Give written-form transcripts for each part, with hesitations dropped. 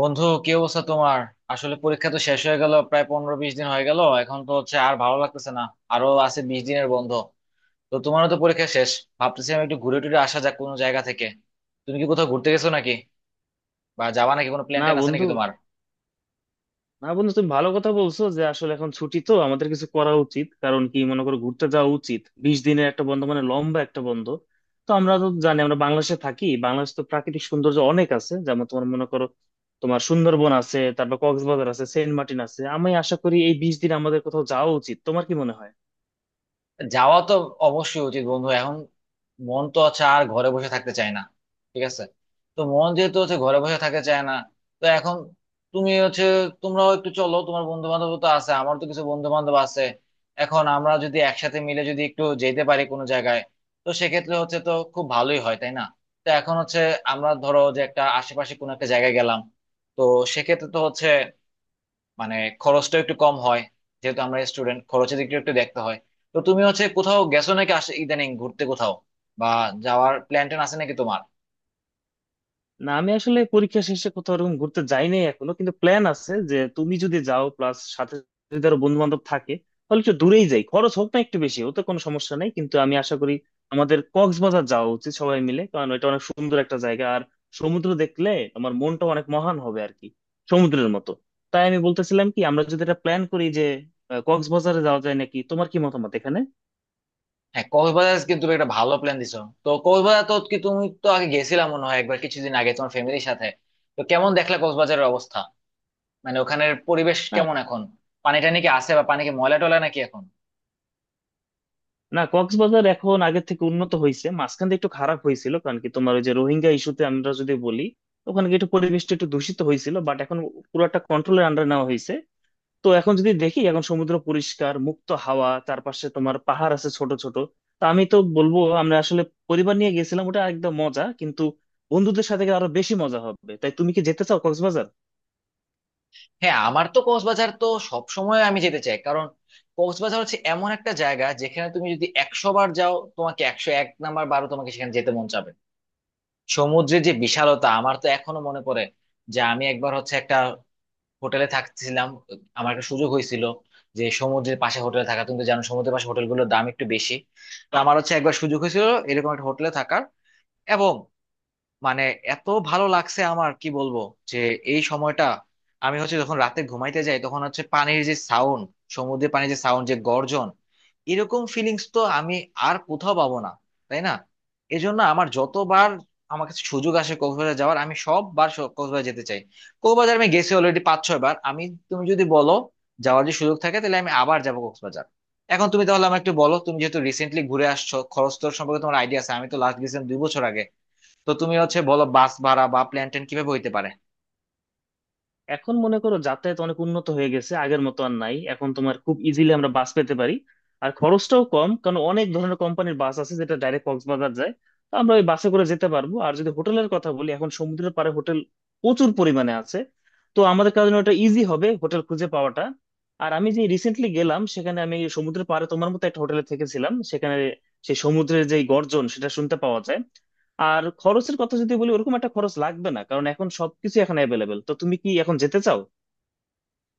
বন্ধু, কি অবস্থা তোমার? আসলে পরীক্ষা তো শেষ হয়ে গেল, প্রায় 15-20 দিন হয়ে গেল। এখন তো হচ্ছে আর ভালো লাগতেছে না। আরো আছে 20 দিনের বন্ধ। তো তোমারও তো পরীক্ষা শেষ। ভাবতেছিলাম একটু ঘুরে টুরে আসা যাক কোনো জায়গা থেকে। তুমি কি কোথাও ঘুরতে গেছো নাকি? বা যাবা নাকি, কোনো প্ল্যান না, ট্যান আছে বন্ধু। নাকি তোমার? না, বন্ধু, তুমি ভালো কথা বলছো যে আসলে এখন ছুটি, তো আমাদের কিছু করা উচিত। কারণ কি, মনে করো, ঘুরতে যাওয়া উচিত। 20 দিনের একটা বন্ধ, মানে লম্বা একটা বন্ধ। তো আমরা তো জানি আমরা বাংলাদেশে থাকি, বাংলাদেশ তো প্রাকৃতিক সৌন্দর্য অনেক আছে। যেমন, তোমার মনে করো, তোমার সুন্দরবন আছে, তারপর কক্সবাজার আছে, সেন্ট মার্টিন আছে। আমি আশা করি এই 20 দিন আমাদের কোথাও যাওয়া উচিত, তোমার কি মনে হয়? যাওয়া তো অবশ্যই উচিত বন্ধু। এখন মন তো হচ্ছে আর ঘরে বসে থাকতে চায় না। ঠিক আছে, তো মন যেহেতু হচ্ছে ঘরে বসে থাকতে চায় না, তো এখন তুমি হচ্ছে তোমরাও একটু চলো। তোমার বন্ধু বান্ধব তো আছে, আমার তো কিছু বন্ধু বান্ধব আছে। এখন আমরা যদি একসাথে মিলে যদি একটু যেতে পারি কোনো জায়গায়, তো সেক্ষেত্রে হচ্ছে তো খুব ভালোই হয়, তাই না? তো এখন হচ্ছে আমরা ধরো যে একটা আশেপাশে কোনো একটা জায়গায় গেলাম, তো সেক্ষেত্রে তো হচ্ছে মানে খরচটা একটু কম হয়। যেহেতু আমরা স্টুডেন্ট, খরচের দিকটা একটু দেখতে হয়। তো তুমি হচ্ছে কোথাও গেছো নাকি আসে ইদানিং ঘুরতে কোথাও, বা যাওয়ার প্ল্যান ট্যান আছে নাকি তোমার? না, আমি আসলে পরীক্ষা শেষে কোথাও ওরকম ঘুরতে যাই নাই এখনো, কিন্তু প্ল্যান আছে যে তুমি যদি যাও প্লাস সাথে যদি আরো বন্ধু বান্ধব থাকে, তাহলে একটু দূরেই যাই। খরচ হোক না একটু বেশি, ওতে কোনো সমস্যা নাই। কিন্তু আমি আশা করি আমাদের কক্সবাজার যাওয়া উচিত সবাই মিলে, কারণ এটা অনেক সুন্দর একটা জায়গা। আর সমুদ্র দেখলে আমার মনটা অনেক মহান হবে, আর কি, সমুদ্রের মতো। তাই আমি বলতেছিলাম কি, আমরা যদি এটা প্ল্যান করি যে কক্সবাজারে যাওয়া যায় নাকি, তোমার কি মতামত এখানে? হ্যাঁ, কক্সবাজার কিন্তু তুমি একটা ভালো প্ল্যান দিছো। তো কক্সবাজার তো কি, তুমি তো আগে গেছিলাম মনে হয় একবার কিছুদিন আগে তোমার ফ্যামিলির সাথে। তো কেমন দেখলা কক্সবাজারের অবস্থা? মানে ওখানের পরিবেশ কেমন এখন? পানি টানি কি আছে, বা পানি কি ময়লা টলা নাকি এখন? না, কক্সবাজার এখন আগের থেকে উন্নত হয়েছে। মাঝখানে একটু খারাপ হয়েছিল, কারণ কি, তোমার ওই যে রোহিঙ্গা ইস্যুতে আমরা যদি বলি, ওখানে কি একটু পরিবেশটা একটু দূষিত হয়েছিল, বাট এখন পুরোটা কন্ট্রোলের আন্ডার নেওয়া হয়েছে। তো এখন যদি দেখি, এখন সমুদ্র পরিষ্কার, মুক্ত হাওয়া, চারপাশে তোমার পাহাড় আছে ছোট ছোট। তা আমি তো বলবো, আমরা আসলে পরিবার নিয়ে গেছিলাম, ওটা একদম মজা। কিন্তু বন্ধুদের সাথে গেলে আরো বেশি মজা হবে। তাই তুমি কি যেতে চাও কক্সবাজার? হ্যাঁ, আমার তো কক্সবাজার তো সব সময় আমি যেতে চাই। কারণ কক্সবাজার হচ্ছে এমন একটা জায়গা যেখানে তুমি যদি 100 বার যাও, তোমাকে 101 নাম্বার বারও তোমাকে সেখানে যেতে মন চাবে। সমুদ্রের যে বিশালতা, আমার তো এখনো মনে পড়ে যে আমি একবার হচ্ছে একটা হোটেলে থাকতেছিলাম। আমার একটা সুযোগ হয়েছিল যে সমুদ্রের পাশে হোটেলে থাকা। তুমি তো জানো সমুদ্রের পাশে হোটেলগুলোর দাম একটু বেশি। তো আমার হচ্ছে একবার সুযোগ হয়েছিল এরকম একটা হোটেলে থাকার, এবং মানে এত ভালো লাগছে, আমার কি বলবো! যে এই সময়টা আমি হচ্ছে যখন রাতে ঘুমাইতে যাই, তখন হচ্ছে পানির যে সাউন্ড, সমুদ্রের পানির যে সাউন্ড, যে গর্জন, এরকম ফিলিংস তো আমি আর কোথাও পাবো না, তাই না? এজন্য আমার যতবার আমার কাছে সুযোগ আসে কক্সবাজার যাওয়ার, আমি সববার কক্সবাজার যেতে চাই। কক্সবাজার আমি গেছি অলরেডি 5-6 বার আমি। তুমি যদি বলো, যাওয়ার যে সুযোগ থাকে, তাহলে আমি আবার যাবো কক্সবাজার। এখন তুমি তাহলে আমাকে একটু বলো, তুমি যেহেতু রিসেন্টলি ঘুরে আসছো, খরচ তোর সম্পর্কে তোমার আইডিয়া আছে। আমি তো লাস্ট গেছিলাম 2 বছর আগে। তো তুমি হচ্ছে বলো বাস ভাড়া বা প্ল্যান ট্যান কিভাবে হইতে পারে। এখন মনে করো যাতায়াত অনেক উন্নত হয়ে গেছে, আগের মতো আর নাই। এখন তোমার খুব ইজিলি আমরা বাস পেতে পারি, আর খরচটাও কম, কারণ অনেক ধরনের কোম্পানির বাস আছে যেটা ডাইরেক্ট কক্সবাজার যায়। তো আমরা ওই বাসে করে যেতে পারবো। আর যদি হোটেলের কথা বলি, এখন সমুদ্রের পাড়ে হোটেল প্রচুর পরিমাণে আছে। তো আমাদের কারণে ওটা ইজি হবে হোটেল খুঁজে পাওয়াটা। আর আমি যে রিসেন্টলি গেলাম, সেখানে আমি সমুদ্রের পাড়ে তোমার মতো একটা হোটেলে থেকেছিলাম। সেখানে সেই সমুদ্রের যে গর্জন, সেটা শুনতে পাওয়া যায়। আর খরচের কথা যদি বলি, ওরকম একটা খরচ লাগবে না, কারণ এখন সবকিছু এখন অ্যাভেলেবেল। তো তুমি কি এখন যেতে চাও?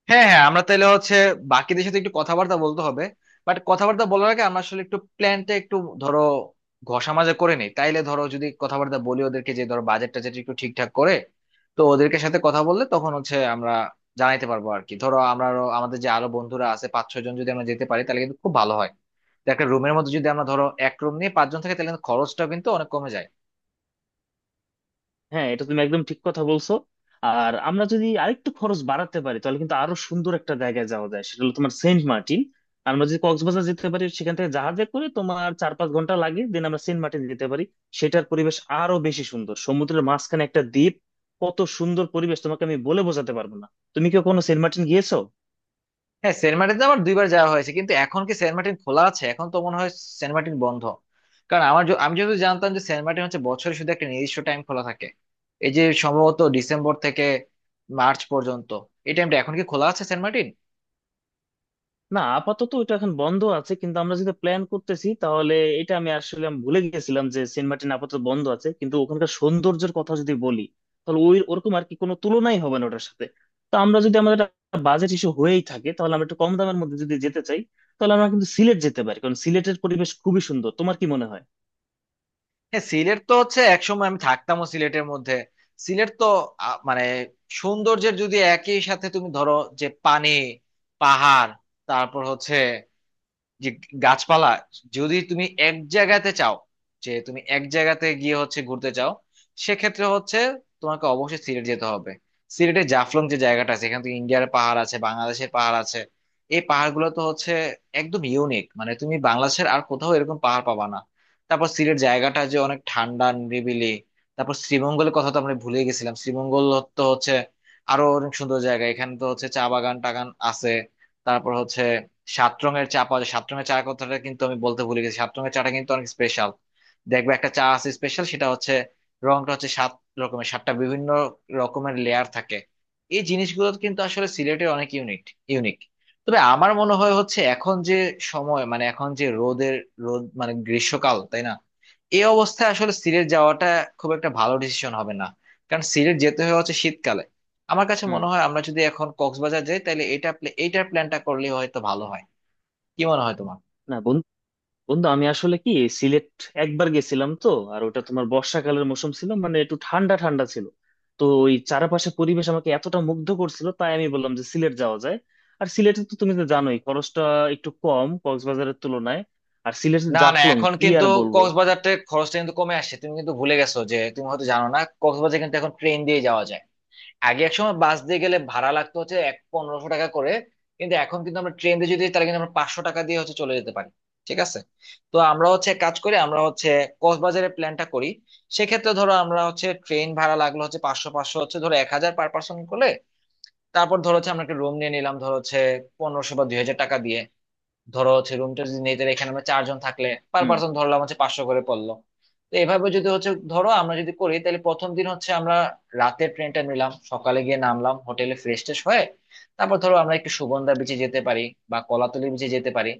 হ্যাঁ হ্যাঁ, আমরা তাহলে হচ্ছে বাকিদের সাথে একটু কথাবার্তা বলতে হবে। বাট কথাবার্তা বলার আগে আমরা আসলে একটু প্ল্যানটা একটু ধরো ঘষা মাজা করে নিই। তাইলে ধরো যদি কথাবার্তা বলি ওদেরকে, যে ধরো বাজেট টাজেট একটু ঠিকঠাক করে, তো ওদেরকে সাথে কথা বললে তখন হচ্ছে আমরা জানাইতে পারবো আর কি। ধরো আমরা আমাদের যে আরো বন্ধুরা আছে 5-6 জন, যদি আমরা যেতে পারি তাহলে কিন্তু খুব ভালো হয়। তো একটা রুমের মধ্যে যদি আমরা ধরো এক রুম নিয়ে 5 জন থাকে, তাহলে কিন্তু খরচটা কিন্তু অনেক কমে যায়। হ্যাঁ, এটা তুমি একদম ঠিক কথা বলছো। আর আমরা যদি আরেকটু খরচ বাড়াতে পারি, তাহলে কিন্তু আরো সুন্দর একটা জায়গায় যাওয়া যায়। সেটা হলো তোমার সেন্ট মার্টিন। আমরা যদি কক্সবাজার যেতে পারি, সেখান থেকে জাহাজে করে তোমার 4-5 ঘন্টা লাগে, দেন আমরা সেন্ট মার্টিন যেতে পারি। সেটার পরিবেশ আরো বেশি সুন্দর, সমুদ্রের মাঝখানে একটা দ্বীপ। কত সুন্দর পরিবেশ, তোমাকে আমি বলে বোঝাতে পারবো না। তুমি কি কোনো সেন্ট মার্টিন গিয়েছো? হ্যাঁ, সেন্ট মার্টিন আমার 2 বার যাওয়া হয়েছে, কিন্তু এখন কি সেন্ট মার্টিন খোলা আছে? এখন তো মনে হয় সেন্ট মার্টিন বন্ধ। কারণ আমার আমি যদি জানতাম যে সেন্ট মার্টিন হচ্ছে বছরে শুধু একটা নির্দিষ্ট টাইম খোলা থাকে, এই যে সম্ভবত ডিসেম্বর থেকে মার্চ পর্যন্ত। এই টাইমটা এখন কি খোলা আছে সেন্ট মার্টিন? না, আপাতত এটা এখন বন্ধ আছে, কিন্তু আমরা যেটা প্ল্যান করতেছি তাহলে। এটা আমি আসলে ভুলে গেছিলাম যে সেন্ট মার্টিন আপাতত বন্ধ আছে। কিন্তু ওখানকার সৌন্দর্যের কথা যদি বলি, তাহলে ওই ওরকম আর কি কোনো তুলনাই হবে না ওটার সাথে। তো আমরা যদি আমাদের বাজেট ইস্যু হয়েই থাকে, তাহলে আমরা একটু কম দামের মধ্যে যদি যেতে চাই, তাহলে আমরা কিন্তু সিলেট যেতে পারি, কারণ সিলেটের পরিবেশ খুবই সুন্দর। তোমার কি মনে হয়? হ্যাঁ, সিলেট তো হচ্ছে একসময় আমি থাকতামও সিলেটের মধ্যে। সিলেট তো মানে সৌন্দর্যের যদি একই সাথে তুমি ধরো, যে পানি, পাহাড়, তারপর হচ্ছে যে গাছপালা, যদি তুমি এক জায়গাতে চাও, যে তুমি এক জায়গাতে গিয়ে হচ্ছে ঘুরতে চাও, সেক্ষেত্রে হচ্ছে তোমাকে অবশ্যই সিলেট যেতে হবে। সিলেটে জাফলং যে জায়গাটা আছে, এখানে তো ইন্ডিয়ার পাহাড় আছে, বাংলাদেশের পাহাড় আছে। এই পাহাড়গুলো তো হচ্ছে একদম ইউনিক, মানে তুমি বাংলাদেশের আর কোথাও এরকম পাহাড় পাবা না। তারপর সিলেট জায়গাটা যে অনেক ঠান্ডা, নিরিবিলি। তারপর শ্রীমঙ্গলের কথা তো আমরা ভুলে গেছিলাম, শ্রীমঙ্গল তো হচ্ছে আরো অনেক সুন্দর জায়গা। এখানে তো হচ্ছে চা বাগান টাগান আছে। তারপর হচ্ছে 7 রঙের চা পাওয়া যায়। সাত রঙের চা কথাটা কিন্তু আমি বলতে ভুলে গেছি। 7 রঙের চাটা কিন্তু অনেক স্পেশাল। দেখবে একটা চা আছে স্পেশাল, সেটা হচ্ছে রংটা হচ্ছে 7 রকমের, 7 টা বিভিন্ন রকমের লেয়ার থাকে। এই জিনিসগুলো কিন্তু আসলে সিলেটে অনেক ইউনিক ইউনিক তবে আমার মনে হয় হচ্ছে এখন যে সময়, মানে এখন যে রোদের রোদ, মানে গ্রীষ্মকাল, তাই না? এই অবস্থায় আসলে সিলেট যাওয়াটা খুব একটা ভালো ডিসিশন হবে না, কারণ সিলেট যেতে হয় হচ্ছে শীতকালে। আমার কাছে হুম। মনে হয় আমরা যদি এখন কক্সবাজার যাই, তাহলে এটা এইটার প্ল্যানটা করলে হয়তো ভালো হয়। কি মনে হয় তোমার? না, বন্ধু। আমি আসলে কি, সিলেট একবার গেছিলাম তো। আর ওটা তোমার বর্ষাকালের মৌসুম ছিল, মানে একটু ঠান্ডা ঠান্ডা ছিল। তো ওই চারপাশে পরিবেশ আমাকে এতটা মুগ্ধ করছিল, তাই আমি বললাম যে সিলেট যাওয়া যায়। আর সিলেটে তো তুমি তো জানোই খরচটা একটু কম কক্সবাজারের তুলনায়। আর সিলেটের না না, জাফলং এখন কি কিন্তু আর বলবো। কক্সবাজারতে খরচটা কিন্তু কমে আসছে। তুমি কিন্তু ভুলে গেছো যে তুমি হয়তো জানো না, কক্সবাজার কিন্তু এখন ট্রেন দিয়ে যাওয়া যায়। আগে এক সময় বাস দিয়ে গেলে ভাড়া লাগতো হচ্ছে 1500 টাকা করে, কিন্তু এখন কিন্তু আমরা ট্রেন দিয়ে যদি যাই, তাহলে কিন্তু আমরা 500 টাকা দিয়ে হচ্ছে চলে যেতে পারি। ঠিক আছে, তো আমরা হচ্ছে এক কাজ করি, আমরা হচ্ছে কক্সবাজারের প্ল্যানটা করি। সেক্ষেত্রে ধরো আমরা হচ্ছে ট্রেন ভাড়া লাগলো হচ্ছে 500, 500 হচ্ছে ধরো 1000 পার পার্সন করলে। তারপর ধরো হচ্ছে আমরা একটা রুম নিয়ে নিলাম ধরো হচ্ছে 1500 বা 2000 টাকা দিয়ে। ধরো হচ্ছে রুমটা যদি নেই, তাহলে এখানে আমরা 4 জন থাকলে পার হুম। পার্সন ধরলাম হচ্ছে 500 করে পড়লো। তো এভাবে যদি হচ্ছে ধরো আমরা যদি করি, তাহলে প্রথম দিন হচ্ছে আমরা রাতের ট্রেনটা নিলাম, সকালে গিয়ে নামলাম হোটেলে, ফ্রেশ ট্রেশ হয়ে তারপর ধরো আমরা একটু সুগন্ধা বিচে যেতে পারি বা কলাতলি বিচে যেতে পারি।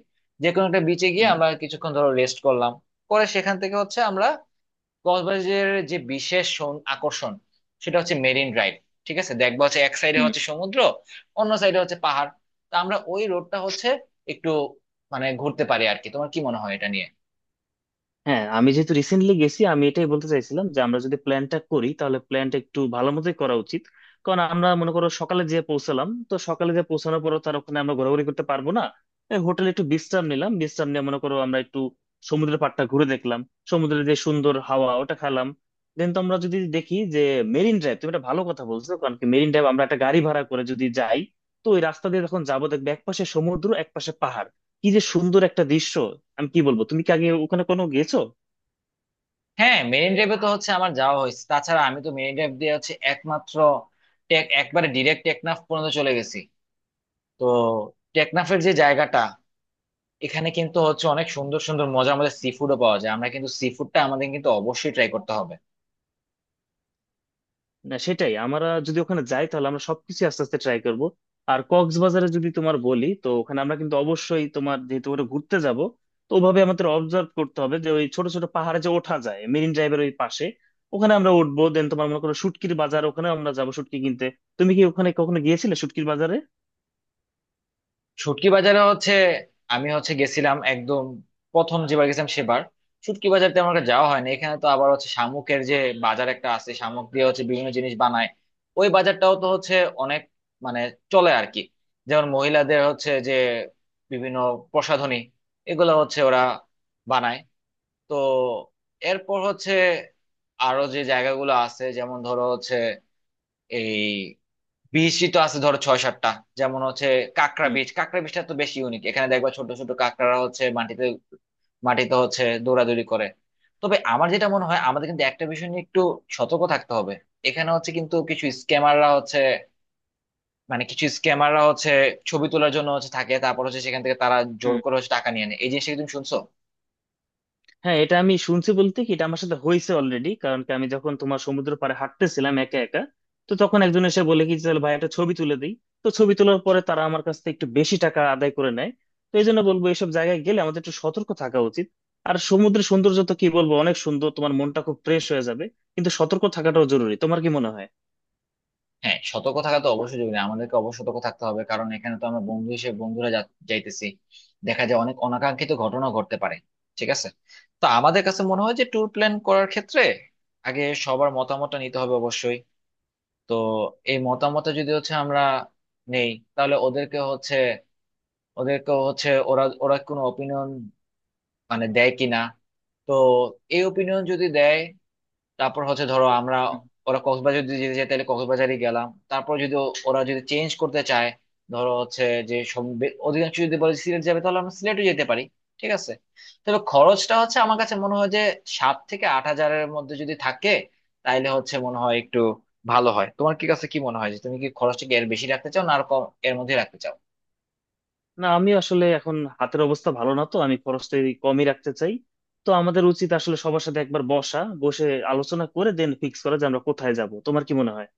যে কোনো একটা বিচে গিয়ে হুম। আমরা কিছুক্ষণ ধরো রেস্ট করলাম। পরে সেখান থেকে হচ্ছে আমরা কক্সবাজারের যে বিশেষ আকর্ষণ, সেটা হচ্ছে মেরিন ড্রাইভ। ঠিক আছে, দেখবা হচ্ছে এক সাইডে হুম। হচ্ছে সমুদ্র, অন্য সাইডে হচ্ছে পাহাড়। তা আমরা ওই রোডটা হচ্ছে একটু মানে ঘুরতে পারি আর কি। তোমার কি মনে হয় এটা নিয়ে? হ্যাঁ, আমি যেহেতু রিসেন্টলি গেছি, আমি এটাই বলতে চাইছিলাম যে আমরা যদি প্ল্যানটা করি, তাহলে প্ল্যানটা একটু ভালো মতোই করা উচিত। কারণ আমরা মনে করো সকালে যে পৌঁছালাম, তো সকালে যে পৌঁছানোর পর তার ওখানে আমরা ঘোরাঘুরি করতে পারবো না। হোটেলে একটু বিশ্রাম নিলাম, বিশ্রাম নিয়ে মনে করো আমরা একটু সমুদ্রের পাড়টা ঘুরে দেখলাম, সমুদ্রের যে সুন্দর হাওয়া ওটা খেলাম। দেন তো আমরা যদি দেখি যে, মেরিন ড্রাইভ তুমি একটা ভালো কথা বলছো, কারণ কি, মেরিন ড্রাইভ আমরা একটা গাড়ি ভাড়া করে যদি যাই, তো ওই রাস্তা দিয়ে যখন যাবো দেখবে একপাশে সমুদ্র, একপাশে পাহাড়। কি যে সুন্দর একটা দৃশ্য, আমি কি বলবো। তুমি কি আগে ওখানে কোনো গেছো? হ্যাঁ, মেরিন ড্রাইভে তো হচ্ছে আমার যাওয়া হয়েছে, তাছাড়া আমি তো মেরিন ড্রাইভ দিয়ে হচ্ছে একমাত্র একবারে ডিরেক্ট টেকনাফ পর্যন্ত চলে গেছি। তো টেকনাফের যে জায়গাটা, এখানে কিন্তু হচ্ছে অনেক সুন্দর সুন্দর মজার মজার সি ফুডও পাওয়া যায়। আমরা কিন্তু সি ফুডটা আমাদের কিন্তু অবশ্যই ট্রাই করতে হবে। না, সেটাই, আমরা যদি ওখানে যাই তাহলে আমরা সবকিছু আস্তে আস্তে ট্রাই করব। আর কক্সবাজারে যদি তোমার বলি, তো ওখানে আমরা কিন্তু অবশ্যই তোমার যেহেতু ওখানে ঘুরতে যাব, তো ওভাবে আমাদের অবজার্ভ করতে হবে যে ওই ছোট ছোট পাহাড়ে যে ওঠা যায় মেরিন ড্রাইভের ওই পাশে, ওখানে আমরা উঠবো। দেন তোমার মনে করো শুটকির বাজার, ওখানে আমরা যাবো শুটকি কিনতে। তুমি কি ওখানে কখনো গিয়েছিলে শুটকির বাজারে? শুটকি বাজারে হচ্ছে আমি হচ্ছে গেছিলাম একদম প্রথম যেবার গেছিলাম সেবার। শুটকি বাজার তেমন একটা যাওয়া হয়নি। এখানে তো আবার হচ্ছে শামুকের যে বাজার একটা আছে, শামুক দিয়ে হচ্ছে বিভিন্ন জিনিস বানায়। ওই বাজারটাও তো হচ্ছে অনেক মানে চলে আর কি। যেমন মহিলাদের হচ্ছে যে বিভিন্ন প্রসাধনী, এগুলো হচ্ছে ওরা বানায়। তো এরপর হচ্ছে আরো যে জায়গাগুলো আছে, যেমন ধরো হচ্ছে এই বিচই তো আছে ধরো 6-7 টা। যেমন হচ্ছে কাঁকড়া হুম। বিচ, কাঁকড়া বিচটা তো বেশি ইউনিক। এখানে দেখবা ছোট ছোট কাঁকড়ারা হচ্ছে মাটিতে মাটিতে হচ্ছে দৌড়াদৌড়ি করে। তবে আমার যেটা মনে হয়, আমাদের কিন্তু একটা বিষয় নিয়ে একটু সতর্ক থাকতে হবে। এখানে হচ্ছে কিন্তু কিছু স্ক্যামাররা হচ্ছে, মানে কিছু স্ক্যামাররা হচ্ছে ছবি তোলার জন্য হচ্ছে থাকে, তারপর হচ্ছে সেখান থেকে তারা জোর হুম। করে হচ্ছে টাকা নিয়ে নেয়। এই জিনিসটা কি তুমি শুনছো? হ্যাঁ, এটা আমি শুনছি। বলতে কি এটা আমার সাথে হয়েছে অলরেডি, কারণ কি, আমি যখন তোমার সমুদ্র পাড়ে হাঁটতেছিলাম একা একা, তো তখন একজন এসে বলে কি, চল ভাই একটা ছবি তুলে দিই। তো ছবি তোলার পরে তারা আমার কাছ থেকে একটু বেশি টাকা আদায় করে নেয়। তো এই জন্য বলবো এইসব জায়গায় গেলে আমাদের একটু সতর্ক থাকা উচিত। আর সমুদ্রের সৌন্দর্য তো কি বলবো, অনেক সুন্দর, তোমার মনটা খুব ফ্রেশ হয়ে যাবে। কিন্তু সতর্ক থাকাটাও জরুরি, তোমার কি মনে হয়? হ্যাঁ, সতর্ক থাকা তো অবশ্যই জরুরি, আমাদেরকে অবশ্য সতর্ক থাকতে হবে। কারণ এখানে তো আমরা বন্ধু হিসেবে বন্ধুরা যাইতেছি, দেখা যায় অনেক অনাকাঙ্ক্ষিত ঘটনা ঘটতে পারে। ঠিক আছে, তো আমাদের কাছে মনে হয় যে ট্যুর প্ল্যান করার ক্ষেত্রে আগে সবার মতামতটা নিতে হবে অবশ্যই। তো এই মতামতটা যদি হচ্ছে আমরা নেই, তাহলে ওদেরকে হচ্ছে, ওদেরকে হচ্ছে ওরা ওরা কোনো অপিনিয়ন মানে দেয় কিনা। তো এই অপিনিয়ন যদি দেয়, তারপর হচ্ছে ধরো আমরা, ওরা কক্সবাজার যদি যেতে চায় তাহলে কক্সবাজারই গেলাম। তারপর যদি ওরা যদি চেঞ্জ করতে চায়, ধরো হচ্ছে যে সব অধিকাংশ যদি বলে সিলেট যাবে, তাহলে আমরা সিলেটও যেতে পারি। ঠিক আছে, তবে খরচটা হচ্ছে আমার কাছে মনে হয় যে 7-8 হাজারের মধ্যে যদি থাকে, তাইলে হচ্ছে মনে হয় একটু ভালো হয়। তোমার কি কাছে কি মনে হয়, যে তুমি কি খরচটা কি এর বেশি রাখতে চাও, না আর কম এর মধ্যে রাখতে চাও? না, আমি আসলে এখন হাতের অবস্থা ভালো না, তো আমি খরচটা এই কমই রাখতে চাই। তো আমাদের উচিত আসলে সবার সাথে একবার বসা, বসে আলোচনা করে দেন ফিক্স করা যে আমরা কোথায় যাব। তোমার কি মনে হয়?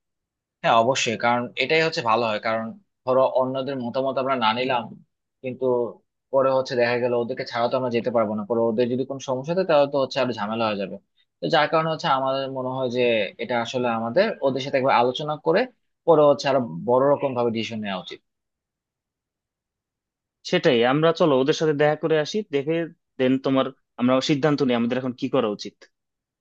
হ্যাঁ, অবশ্যই কারণ এটাই হচ্ছে ভালো হয়। কারণ ধরো অন্যদের মতামত আমরা না নিলাম, কিন্তু পরে হচ্ছে দেখা গেল ওদেরকে ছাড়া তো আমরা যেতে পারবো না। পরে ওদের যদি কোনো সমস্যা হয়, তাহলে তো হচ্ছে আরো ঝামেলা হয়ে যাবে। তো যার কারণে হচ্ছে আমাদের মনে হয় যে, এটা আসলে আমাদের ওদের সাথে একবার আলোচনা করে পরে হচ্ছে আরো বড় রকম ভাবে ডিসিশন নেওয়া উচিত। সেটাই, আমরা চলো ওদের সাথে দেখা করে আসি, দেখে দেন তোমার আমরা সিদ্ধান্ত নিই আমাদের এখন কি করা উচিত।